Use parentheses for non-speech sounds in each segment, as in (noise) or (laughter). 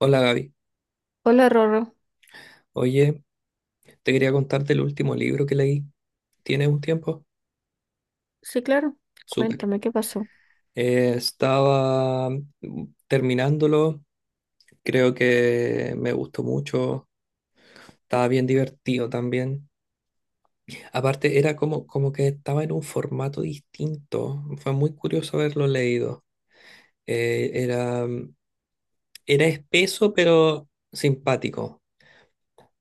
Hola Gaby, Hola, Rorro. oye, te quería contar del último libro que leí. ¿Tienes un tiempo? Sí, claro. Súper. Cuéntame qué pasó. Estaba terminándolo, creo que me gustó mucho, estaba bien divertido también. Aparte, era como que estaba en un formato distinto, fue muy curioso haberlo leído. Eh, era, mm, era espeso pero simpático,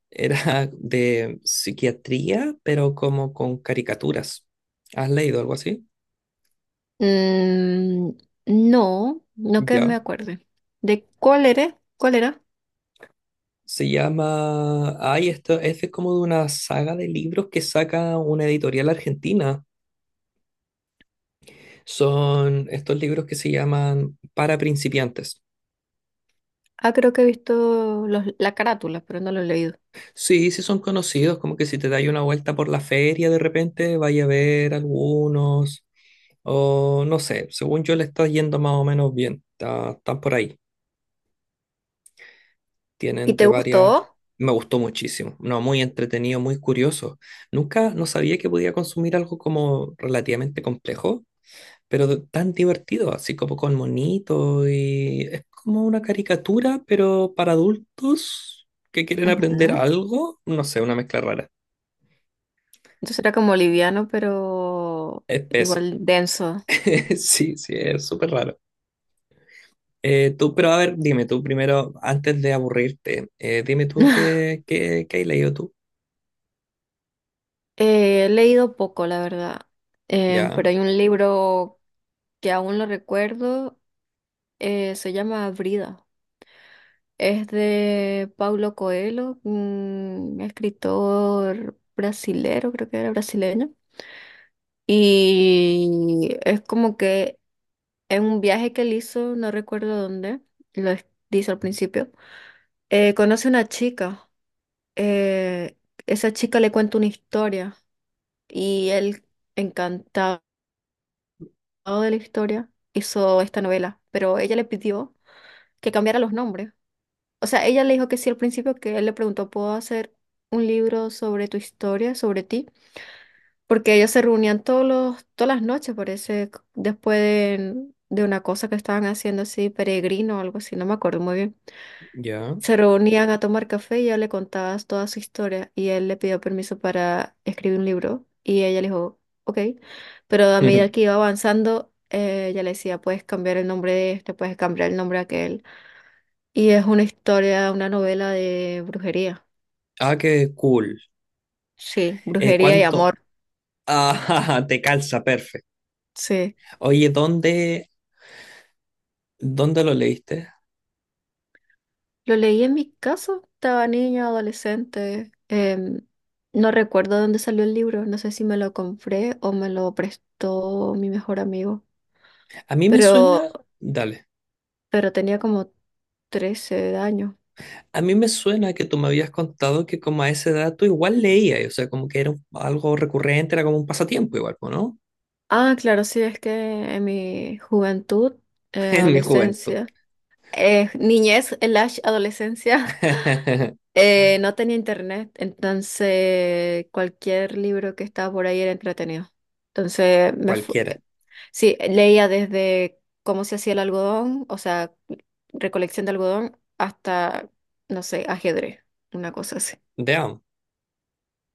era (laughs) de psiquiatría pero como con caricaturas. ¿Has leído algo así? Mm, no que Ya. me acuerde. ¿De cuál era? ¿Cuál era? Se llama. Ay, esto este es de como de una saga de libros que saca una editorial argentina. Son estos libros que se llaman Para principiantes. Ah, creo que he visto la carátula, pero no lo he leído. Sí, sí, son conocidos, como que si te dais una vuelta por la feria de repente, vaya a ver algunos. O no sé, según yo le está yendo más o menos bien. Están por ahí. ¿Y Tienen te de varias. gustó? Me gustó muchísimo. No, muy entretenido, muy curioso. Nunca no sabía que podía consumir algo como relativamente complejo, pero tan divertido, así como con monito y es como una caricatura, pero para adultos que quieren aprender Ujú. algo, no sé, una mezcla rara. Entonces era como liviano, pero Espeso. igual (laughs) denso. Sí, sí, es súper raro. Tú, pero a ver, dime tú primero, antes de aburrirte, dime tú (laughs) qué has leído tú. He leído poco, la verdad. Ya, Pero hay un libro que aún lo recuerdo. Se llama Brida. Es de Paulo Coelho, un escritor brasilero, creo que era brasileño. Y es como que en un viaje que él hizo, no recuerdo dónde, lo es- dice al principio, conoce una chica. eh, esa chica le cuenta una historia y él, encantado de la historia, hizo esta novela. Pero ella le pidió que cambiara los nombres. O sea, ella le dijo que sí al principio, que él le preguntó, ¿puedo hacer un libro sobre tu historia, sobre ti? Porque ellos se reunían todas las noches, parece, después de una cosa que estaban haciendo así, peregrino o algo así, no me acuerdo muy bien. ya. Se reunían a tomar café y ella le contaba toda su historia y él le pidió permiso para escribir un libro y ella le dijo, ok, pero a medida (laughs) que iba avanzando, ella le decía, puedes cambiar el nombre de este, puedes cambiar el nombre de aquel. Y es una historia, una novela de brujería. Ah, qué cool. Sí, brujería y ¿Cuánto? amor. Ah, (laughs) te calza, perfecto. Sí. Oye, ¿dónde lo leíste? Lo leí en mi casa, estaba niña, adolescente. No recuerdo dónde salió el libro, no sé si me lo compré o me lo prestó mi mejor amigo, A mí me pero, suena... Dale. pero tenía como 13 años. A mí me suena que tú me habías contado que como a esa edad tú igual leías, o sea, como que era algo recurrente, era como un pasatiempo igual, po, ¿no? Ah, claro, sí, es que en mi juventud, (laughs) En mi juventud. adolescencia, niñez, el adolescencia, (laughs) No tenía internet, entonces cualquier libro que estaba por ahí era entretenido. Entonces me fu- Cualquiera. sí, leía desde cómo se hacía el algodón, o sea, recolección de algodón, hasta, no sé, ajedrez, una cosa así. Damn.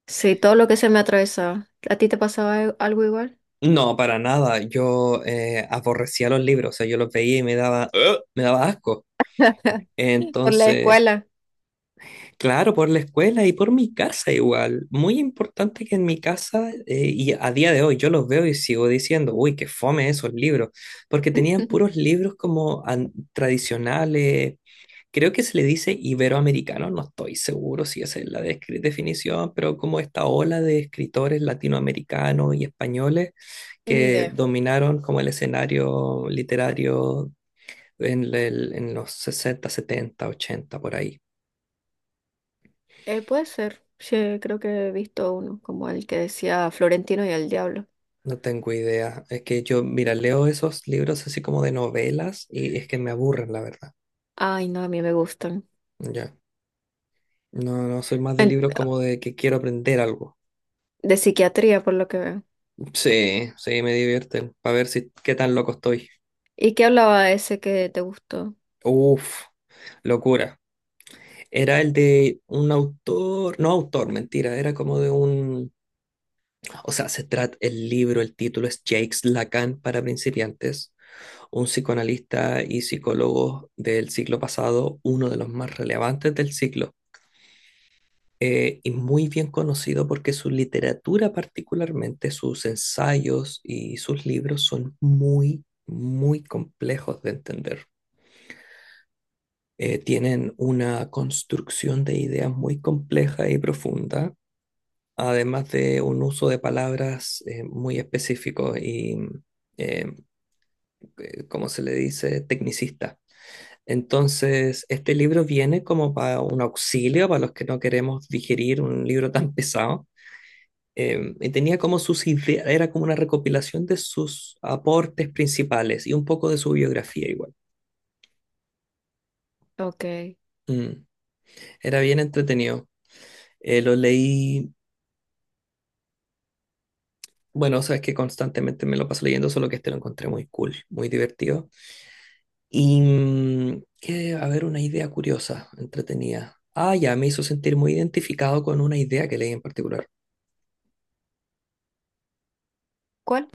Sí, todo lo que se me atravesaba. ¿A ti te pasaba algo igual? No, para nada. Yo aborrecía los libros, o sea, yo los veía y me daba, ¡Ugh! Me daba asco. (laughs) Por la Entonces, escuela. claro, por la escuela y por mi casa igual. Muy importante que en mi casa, y a día de hoy yo los veo y sigo diciendo, uy, qué fome esos libros, porque tenían puros (laughs) libros como tradicionales, creo que se le dice iberoamericano, no estoy seguro si esa es la definición, pero como esta ola de escritores latinoamericanos y españoles Ni que idea. dominaron como el escenario literario en los 60, 70, 80 por ahí. Puede ser. Sí, creo que he visto uno, como el que decía Florentino y el Diablo. No tengo idea. Es que yo, mira, leo esos libros así como de novelas y es que me aburren, la verdad. Ay, no, a mí me gustan. Ya. No, no soy más de libros como de que quiero aprender algo. De psiquiatría, por lo que veo. Sí, sí, me divierten. Para ver si qué tan loco estoy. ¿Y qué hablaba ese que te gustó? Uf, locura. Era el de un autor, no autor, mentira, era como de un, o sea, se trata el libro, el título es Jacques Lacan para principiantes, un psicoanalista y psicólogo del siglo pasado, uno de los más relevantes del siglo. Y muy bien conocido porque su literatura particularmente, sus ensayos y sus libros son muy, muy complejos de entender. Tienen una construcción de ideas muy compleja y profunda, además de un uso de palabras muy específico y, eh, como se le dice, tecnicista. Entonces, este libro viene como para un auxilio para los que no queremos digerir un libro tan pesado, y tenía como sus ideas, era como una recopilación de sus aportes principales y un poco de su biografía igual. Ok. Mm, Era bien entretenido. Lo leí, bueno, sabes que constantemente me lo paso leyendo, solo que este lo encontré muy cool, muy divertido. Y que, a ver, una idea curiosa, entretenida. Ah, ya, me hizo sentir muy identificado con una idea que leí en particular, ¿Cuál?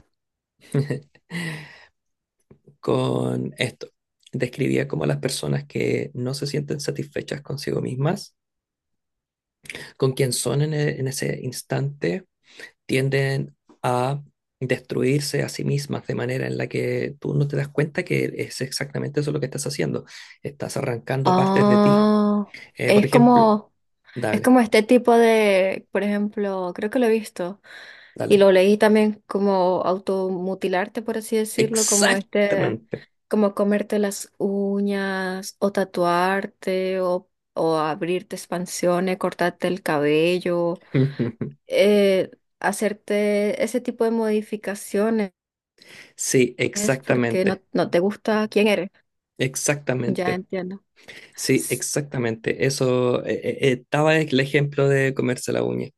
(laughs) con esto. Describía como a las personas que no se sienten satisfechas consigo mismas, con quien son en, en ese instante, tienden a destruirse a sí mismas de manera en la que tú no te das cuenta que es exactamente eso lo que estás haciendo. Estás arrancando partes de ti. Ah, Por es ejemplo, como, es dale, como este tipo de, por ejemplo, creo que lo he visto y dale. lo leí también como automutilarte, por así decirlo, como este, Exactamente. como comerte las uñas o tatuarte o abrirte expansiones, cortarte el cabello, (laughs) eh, hacerte ese tipo de modificaciones. Sí, Es porque exactamente, no te gusta quién eres. Ya exactamente. entiendo. Sí, Es, exactamente. Eso estaba el ejemplo de comerse la uña.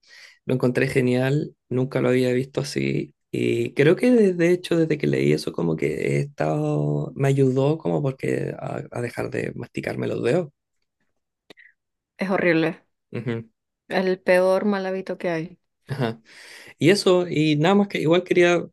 Lo encontré genial, nunca lo había visto así. Y creo que de hecho desde que leí eso como que he estado, me ayudó como porque a dejar de masticarme los dedos. es horrible. Ujú, El peor mal hábito que hay. ajá. Y eso, y nada más que igual quería.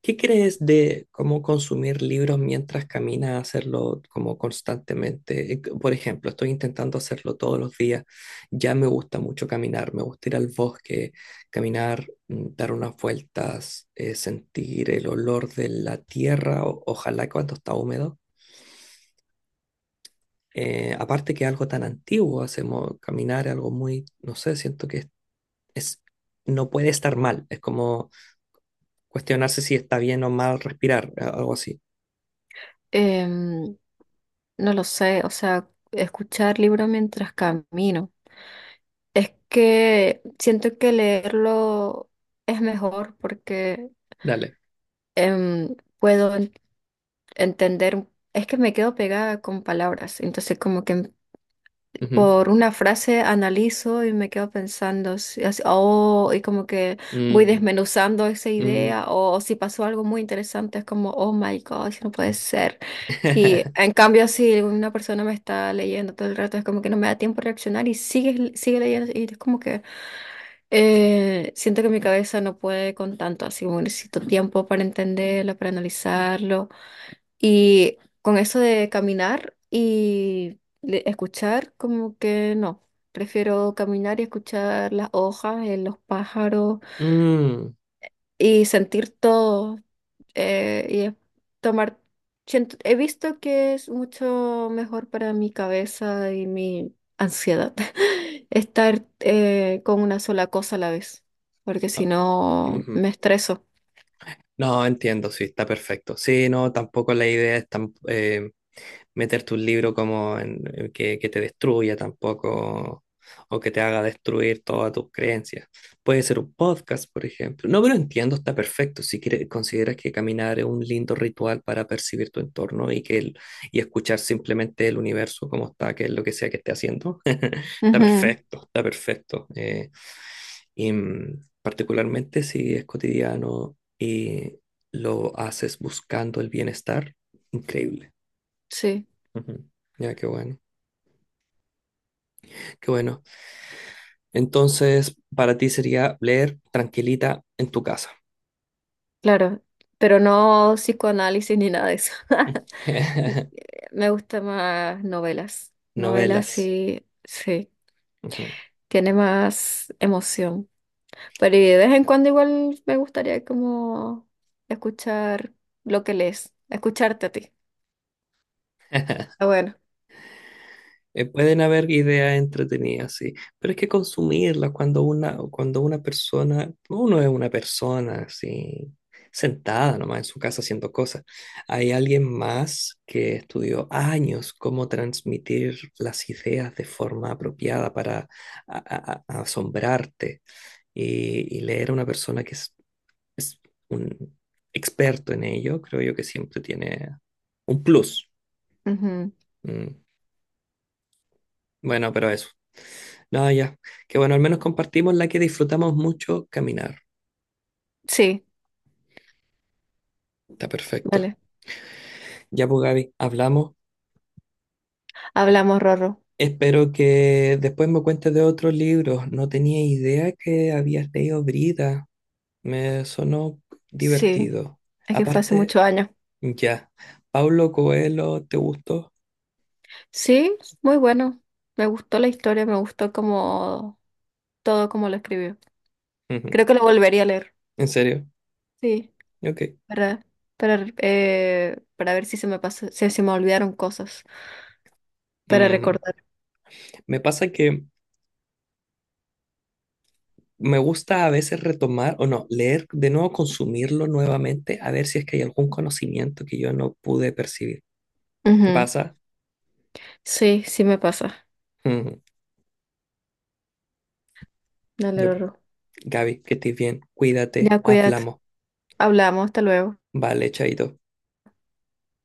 ¿Qué crees de cómo consumir libros mientras caminas, hacerlo como constantemente? Por ejemplo, estoy intentando hacerlo todos los días. Ya me gusta mucho caminar, me gusta ir al bosque, caminar, dar unas vueltas, sentir el olor de la tierra, ojalá cuando está húmedo. Aparte que algo tan antiguo, hacemos caminar algo muy, no sé, siento que es- no puede estar mal. Es como cuestionarse si está bien o mal respirar, algo así. Em, no lo sé. O sea, escuchar libro mientras camino. Es que siento que leerlo es mejor porque Dale. Puedo entender. Es que me quedo pegada con palabras. Entonces, como que Ujú. por una frase analizo y me quedo pensando, así, oh, y como que voy Mm, desmenuzando esa mm. idea, o si pasó algo muy interesante, es como, oh my gosh, no puede ser. Y (laughs) en cambio, si una persona me está leyendo todo el rato, es como que no me da tiempo a reaccionar y sigue leyendo, y es como que siento que mi cabeza no puede con tanto, así como necesito tiempo para entenderlo, para analizarlo. Y con eso de caminar y escuchar, como que no. Prefiero caminar y escuchar las hojas, los pájaros Mm. y sentir todo. eh, y es- Tomar. He visto que es mucho mejor para mi cabeza y mi ansiedad (laughs) estar con una sola cosa a la vez, porque si Ah, no ujú. me estreso. No, entiendo, sí, está perfecto. Sí, no, tampoco la idea es tan, meterte un libro como en que, te destruya tampoco, o que te haga destruir todas tus creencias. Puede ser un podcast, por ejemplo. No, pero entiendo, está perfecto. Si quieres, consideras que caminar es un lindo ritual para percibir tu entorno y, que y escuchar simplemente el universo como está, que es lo que sea que esté haciendo, (laughs) está Ujú, perfecto, está perfecto. Y particularmente si es cotidiano y lo haces buscando el bienestar, increíble. sí, Ujú. Ya, qué bueno, qué bueno. Entonces, para ti sería leer tranquilita en tu casa. claro, pero no psicoanálisis ni nada de eso. (laughs) (laughs) Me gustan más novelas. Novelas Novelas. sí, sí, Ujú. tiene más emoción. Pero y de vez en cuando igual me gustaría como escuchar lo que lees, escucharte a ti. Ah, bueno. Pueden haber ideas entretenidas, sí, pero es que consumirlas cuando una persona, uno es una persona así, sentada nomás en su casa haciendo cosas. Hay alguien más que estudió años cómo transmitir las ideas de forma apropiada para asombrarte y leer a una persona que es un experto en ello, creo yo que siempre tiene un plus. Ujú. Mm. Bueno, pero eso. No, ya. Que bueno, al menos compartimos la que disfrutamos mucho caminar. Sí, Está perfecto. vale. Ya, pues Gaby, hablamos. Hablamos, Rorro. Espero que después me cuentes de otros libros. No tenía idea que habías leído Brida. Me sonó Sí, divertido. es que fue hace Aparte, muchos años. ya. ¿Paulo Coelho te gustó? Sí, muy bueno. Me gustó la historia, me gustó como todo como lo escribió. Ujú. Creo que lo volvería a leer. ¿En serio? Sí. Ok. Para, para ver si se me pasó, si se me olvidaron cosas, para Mm. recordar. Me pasa que me gusta a veces retomar, o no, leer de nuevo, consumirlo nuevamente, a ver si es que hay algún conocimiento que yo no pude percibir. ¿Te Ujú. pasa? Sí, sí me pasa. (laughs) Dale, Yo, Rorro. Gaby, que estés bien. Cuídate. Ya cuídate. Hablamos. Hablamos, hasta luego. Vale, chaito.